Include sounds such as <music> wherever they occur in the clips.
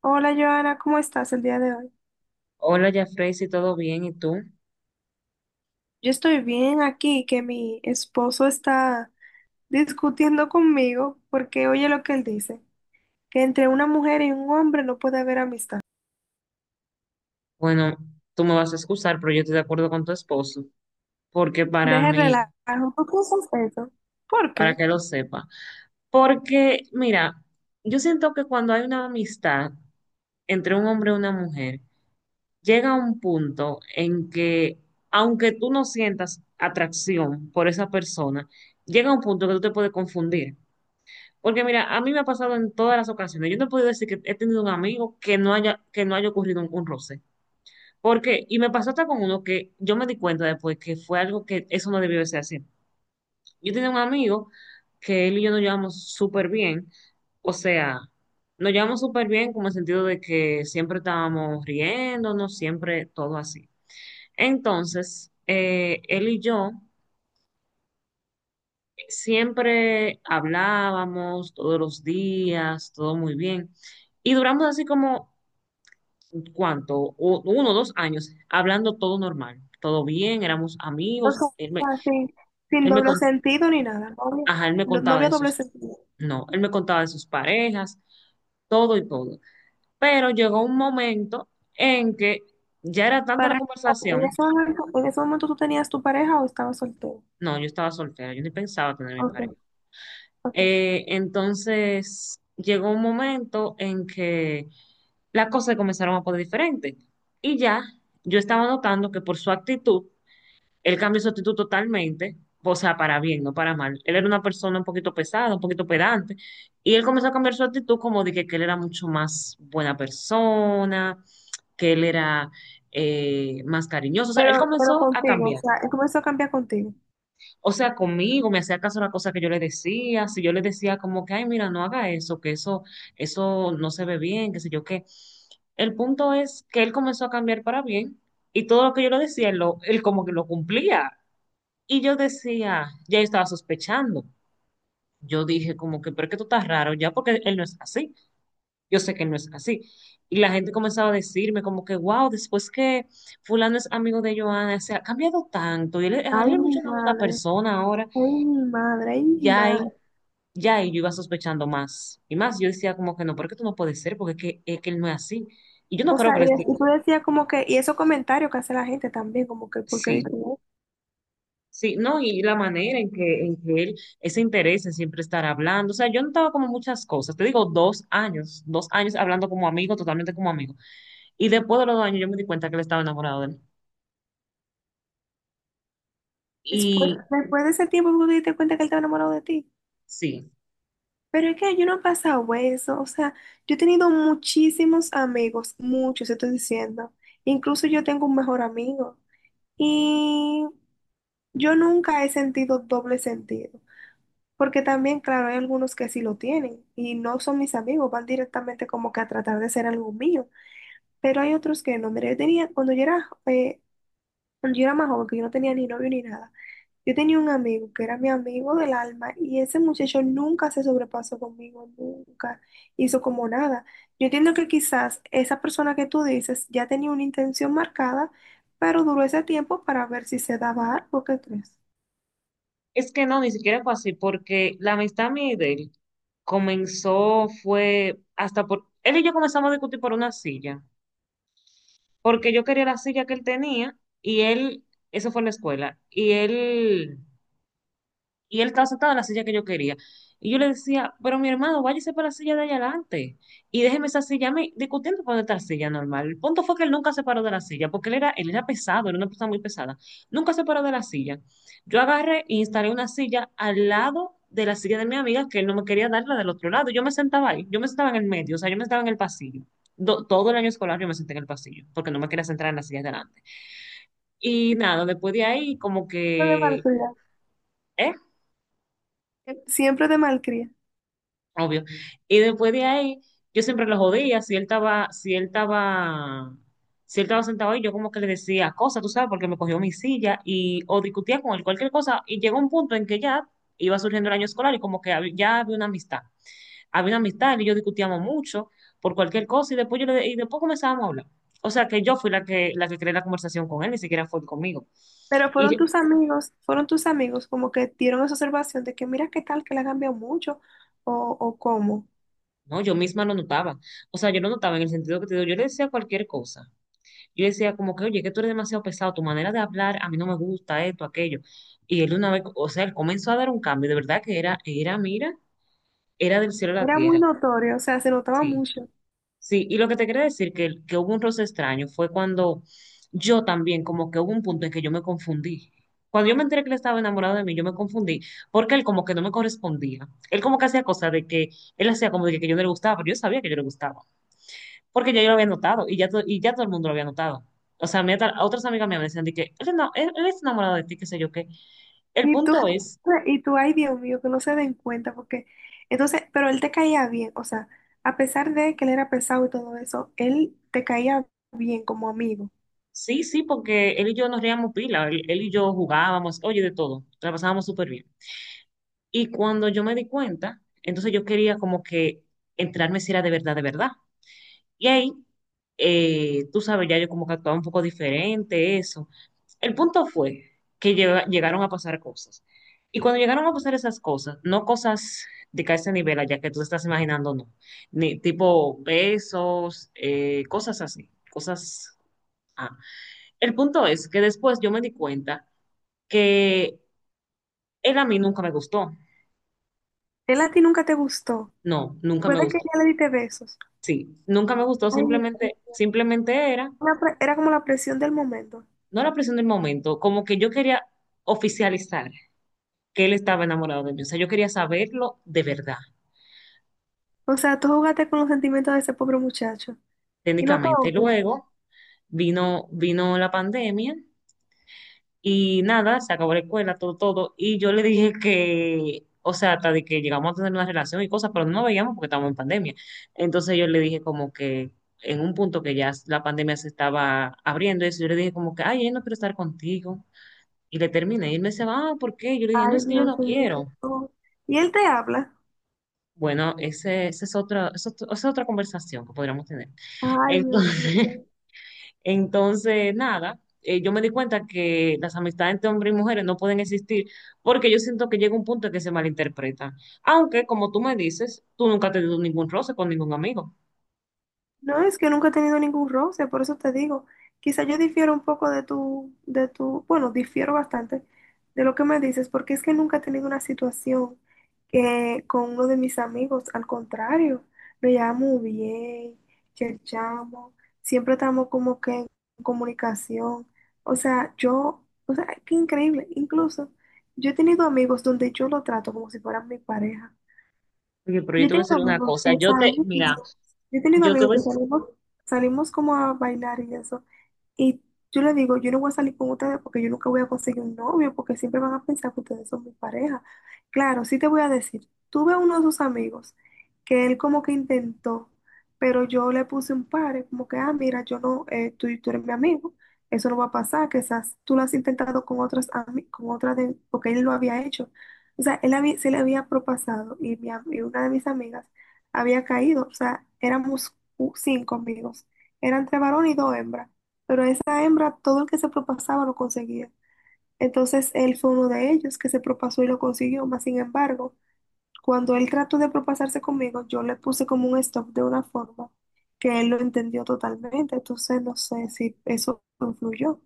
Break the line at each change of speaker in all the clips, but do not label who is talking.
Hola Joana, ¿cómo estás el día de hoy?
Hola, Jafrey, si todo bien, ¿y tú?
Yo estoy bien aquí, que mi esposo está discutiendo conmigo porque oye lo que él dice, que entre una mujer y un hombre no puede haber amistad.
Bueno, tú me vas a excusar, pero yo estoy de acuerdo con tu esposo, porque para
Deje el
mí,
relajo, ¿tú piensas eso? ¿Por
para
qué?
que lo sepa, porque mira, yo siento que cuando hay una amistad entre un hombre y una mujer, llega un punto en que, aunque tú no sientas atracción por esa persona, llega un punto que tú te puedes confundir. Porque mira, a mí me ha pasado en todas las ocasiones, yo no he podido decir que he tenido un amigo que no haya ocurrido un roce. Porque, y me pasó hasta con uno que yo me di cuenta después que fue algo que eso no debió de ser así. Yo tenía un amigo que él y yo nos llevamos súper bien, o sea, nos llevamos súper bien como el sentido de que siempre estábamos riéndonos, siempre todo así. Entonces, él y yo siempre hablábamos todos los días, todo muy bien, y duramos así como ¿cuánto? 1 o 2 años, hablando todo normal, todo bien, éramos
O
amigos,
sea, sin
él me,
doble
con-
sentido ni nada, no había,
ajá, él me
no, no
contaba
había
de
doble
sus,
sentido.
no, él me contaba de sus parejas, todo y todo. Pero llegó un momento en que ya era tanta la
Para, en
conversación,
ese momento, en ese momento tú tenías tu pareja o estabas soltero.
no, yo estaba soltera, yo ni pensaba tener mi
Ok,
pareja.
ok.
Entonces, llegó un momento en que las cosas comenzaron a poner diferentes y ya yo estaba notando que por su actitud, él cambió su actitud totalmente, o sea, para bien, no para mal. Él era una persona un poquito pesada, un poquito pedante, y él comenzó a cambiar su actitud como de que él era mucho más buena persona, que él era más cariñoso. O sea,
Pero,
él
pero
comenzó a
contigo, o
cambiar.
sea, él comenzó a cambiar contigo.
O sea, conmigo me hacía caso a la cosa que yo le decía, si yo le decía como que, ay, mira, no haga eso, que eso no se ve bien, qué sé yo qué. El punto es que él comenzó a cambiar para bien y todo lo que yo le decía, él como que lo cumplía. Y yo decía, ya yo estaba sospechando. Yo dije como que, pero es que tú estás raro ya porque él no es así. Yo sé que él no es así. Y la gente comenzaba a decirme como que, wow, después que fulano es amigo de Joana, se ha cambiado tanto. Y él,
Ay,
él es mucho
mi
una buena
madre.
persona ahora.
Ay, mi madre, ay, mi
Ya
madre.
ahí, ya ahí yo iba sospechando más. Y más, yo decía como que no, pero porque tú no puedes ser, porque es que él no es así. Y yo no
O
creo
sea,
que le
y, es-
esté...
y tú decías como que, y esos comentarios que hace la gente también, como que, porque digo,
Sí.
"Oh,
Sí, no, y la manera en que, él, ese interés en siempre estar hablando, o sea, yo notaba como muchas cosas, te digo, 2 años, 2 años hablando como amigo, totalmente como amigo, y después de los 2 años yo me di cuenta que él estaba enamorado de él.
después,
Y
después de ese tiempo tú te diste cuenta que él estaba enamorado de ti".
sí,
Pero es que yo no he pasado eso, o sea, yo he tenido muchísimos amigos, muchos, te estoy diciendo. Incluso yo tengo un mejor amigo. Y yo nunca he sentido doble sentido, porque también, claro, hay algunos que sí lo tienen y no son mis amigos, van directamente como que a tratar de ser algo mío. Pero hay otros que no. Mira, yo tenía, cuando yo era más joven, que yo no tenía ni novio ni nada, yo tenía un amigo que era mi amigo del alma y ese muchacho nunca se sobrepasó conmigo, nunca hizo como nada. Yo entiendo que quizás esa persona que tú dices ya tenía una intención marcada, pero duró ese tiempo para ver si se daba algo, ¿qué crees?
es que no, ni siquiera fue así, porque la amistad mía y de él comenzó, fue hasta por, él y yo comenzamos a discutir por una silla, porque yo quería la silla que él tenía, y él, eso fue en la escuela, y él estaba sentado en la silla que yo quería. Y yo le decía, pero mi hermano, váyase para la silla de allá adelante y déjeme esa silla a mí discutiendo por esta silla normal. El punto fue que él nunca se paró de la silla, porque él era pesado, era una persona muy pesada. Nunca se paró de la silla. Yo agarré e instalé una silla al lado de la silla de mi amiga, que él no me quería dar la del otro lado. Yo me sentaba ahí, yo me sentaba en el medio, o sea, yo me sentaba en el pasillo. Todo el año escolar yo me senté en el pasillo, porque no me quería sentar en la silla de delante. Y nada, después de ahí, como
Siempre de
que...
malcría.
¿Eh?
Siempre de malcría.
Obvio. Y después de ahí, yo siempre lo jodía, si él estaba, si él estaba, si él estaba sentado ahí, yo como que le decía cosas, tú sabes, porque me cogió mi silla y o discutía con él cualquier cosa, y llegó un punto en que ya iba surgiendo el año escolar y como que ya había una amistad. Había una amistad, él y yo discutíamos mucho por cualquier cosa y después y después comenzábamos a hablar. O sea que yo fui la que creé la conversación con él, ni siquiera fue él conmigo.
Pero
Y re-
fueron tus amigos como que dieron esa observación de que mira qué tal que la ha cambiado mucho o, o cómo.
no, yo misma lo notaba. O sea, yo lo notaba en el sentido que te digo, yo le decía cualquier cosa. Yo decía como que, oye, que tú eres demasiado pesado, tu manera de hablar a mí no me gusta, esto, aquello. Y él una vez, o sea, él comenzó a dar un cambio, de verdad que mira, era del cielo a la
Era muy
tierra.
notorio, o sea, se notaba
Sí,
mucho.
sí. Y lo que te quería decir, que hubo un roce extraño, fue cuando yo también, como que hubo un punto en que yo me confundí. Cuando yo me enteré que él estaba enamorado de mí, yo me confundí, porque él como que no me correspondía. Él como que hacía cosas de que, él hacía como de que yo no le gustaba, pero yo sabía que yo le gustaba porque ya yo lo había notado y ya todo el mundo lo había notado. O sea, mi otras amigas mías me decían de que no, él está enamorado de ti, qué sé yo qué. El
Y tú,
punto es,
y tú, ay Dios mío, que no se den cuenta, porque entonces, pero él te caía bien, o sea, a pesar de que él era pesado y todo eso, él te caía bien como amigo.
sí, sí, porque él y yo nos reíamos pila, él y yo jugábamos, oye, de todo, la pasábamos súper bien. Y cuando yo me di cuenta, entonces yo quería como que entrarme si era de verdad, de verdad. Y ahí, tú sabes, ya yo como que actuaba un poco diferente, eso. El punto fue que llegaron a pasar cosas. Y cuando llegaron a pasar esas cosas, no cosas de que a ese nivel allá que tú estás imaginando, no. Ni tipo besos, cosas así, cosas. Ah. El punto es que después yo me di cuenta que él a mí nunca me gustó.
Él a ti nunca te gustó.
No, nunca me
Puede que
gustó.
ya le diste besos.
Sí, nunca me gustó,
Ay, Dios mío.
simplemente era
Una pre- era como la presión del momento.
no la presión del momento, como que yo quería oficializar que él estaba enamorado de mí. O sea, yo quería saberlo de verdad,
O sea, tú jugaste con los sentimientos de ese pobre muchacho y no te
técnicamente.
odia.
Luego vino la pandemia y nada, se acabó la escuela, todo, todo. Y yo le dije que, o sea, hasta de que llegamos a tener una relación y cosas, pero no nos veíamos porque estábamos en pandemia. Entonces yo le dije como que en un punto que ya la pandemia se estaba abriendo, eso, yo le dije como que, ay, yo no quiero estar contigo. Y le terminé. Y él me decía, ah, ¿por qué? Yo le dije, no,
Ay,
es que yo
Dios
no
mío.
quiero.
No. Y él te habla.
Bueno, ese es otra, esa es otra conversación que podríamos tener.
Ay, Dios
Entonces,
mío.
<laughs> entonces nada, yo me di cuenta que las amistades entre hombres y mujeres no pueden existir porque yo siento que llega un punto en que se malinterpretan. Aunque, como tú me dices, tú nunca has tenido ningún roce con ningún amigo.
No, es que nunca he tenido ningún roce, por eso te digo. Quizá yo difiero un poco de tu, bueno, difiero bastante de lo que me dices, porque es que nunca he tenido una situación que con uno de mis amigos, al contrario, nos llevamos bien, cherchamos, siempre estamos como que en comunicación. O sea, yo, o sea, qué increíble. Incluso yo he tenido amigos donde yo lo trato como si fueran mi pareja.
Oye, pero yo
Yo
te voy a
tengo
decir una
amigos que
cosa.
salimos,
Mira,
yo tengo
yo te
amigos
voy,
que salimos, salimos como a bailar y eso. Y yo le digo, yo no voy a salir con ustedes porque yo nunca voy a conseguir un novio, porque siempre van a pensar que ustedes son mi pareja. Claro, sí te voy a decir, tuve a uno de sus amigos que él como que intentó, pero yo le puse un par, como que, ah, mira, yo no, tú, tú eres mi amigo, eso no va a pasar, quizás tú lo has intentado con otras, ami- con otras de, porque él lo había hecho. O sea, él había- se le había propasado y, mi am- y una de mis amigas había caído. O sea, éramos cu- cinco amigos. Eran tres varones y dos hembras. Pero esa hembra, todo el que se propasaba lo conseguía. Entonces él fue uno de ellos que se propasó y lo consiguió. Mas sin embargo, cuando él trató de propasarse conmigo, yo le puse como un stop de una forma que él lo entendió totalmente. Entonces no sé si eso influyó.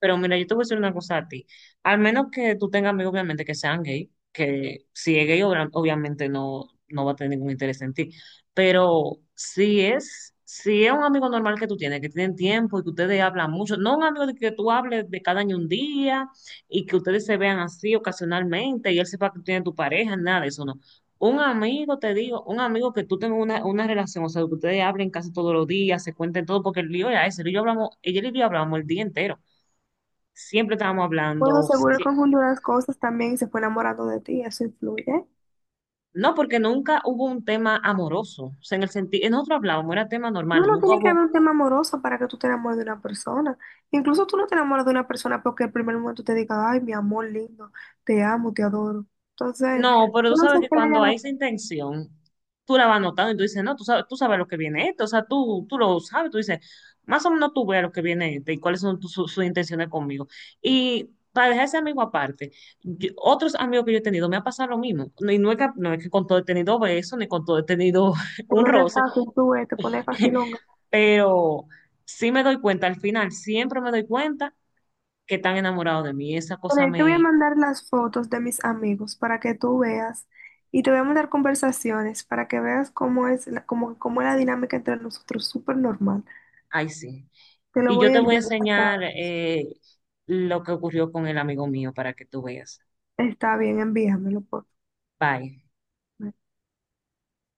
pero mira, yo te voy a decir una cosa a ti. Al menos que tú tengas amigos, obviamente, que sean gay, que si es gay, obviamente no, no va a tener ningún interés en ti. Pero si es un amigo normal que tú tienes, que tienen tiempo y que ustedes hablan mucho, no un amigo de que tú hables de cada año un día y que ustedes se vean así ocasionalmente y él sepa que tú tienes tu pareja, nada de eso, no. Un amigo, te digo, un amigo que tú tengas una relación, o sea, que ustedes hablen casi todos los días, se cuenten todo, porque el lío ya es, el lío hablamos, ella y yo hablamos el día entero, siempre estábamos
Bueno,
hablando,
seguro él
si-
confundió las cosas también y se fue enamorando de ti. Eso influye.
No, porque nunca hubo un tema amoroso, o sea, en el sentido, nosotros hablábamos, era tema
No,
normal,
no
nunca
tiene que
hubo,
haber un tema amoroso para que tú te enamores de una persona. Incluso tú no te enamoras de una persona porque el primer momento te diga, ay, mi amor lindo, te amo, te adoro. Entonces,
no, pero tú
no sé
sabes que
qué le
cuando
hayan
hay esa intención, tú la vas notando y tú dices, no, tú sabes lo que viene esto, o sea, tú lo sabes, tú dices, más o menos tú ves lo que viene este y cuáles son sus intenciones conmigo. Y para dejar ese amigo aparte, otros amigos que yo he tenido me ha pasado lo mismo, no, y no es que, con todo he tenido besos, ni con todo he tenido
te
<laughs> un
pones de
roce,
fácil, tú ves, te pones
<laughs>
facilonga.
pero sí me doy cuenta, al final siempre me doy cuenta que están enamorados de mí, esa
Bueno,
cosa
ahí te voy a
me,
mandar las fotos de mis amigos para que tú veas y te voy a mandar conversaciones para que veas cómo es la, cómo, cómo es la dinámica entre nosotros, súper normal.
ay sí.
Te lo
Y
voy
yo
a
te voy a
enviar. Está
enseñar lo que ocurrió con el amigo mío para que tú veas.
está bien, envíamelo, por
Bye.
favor.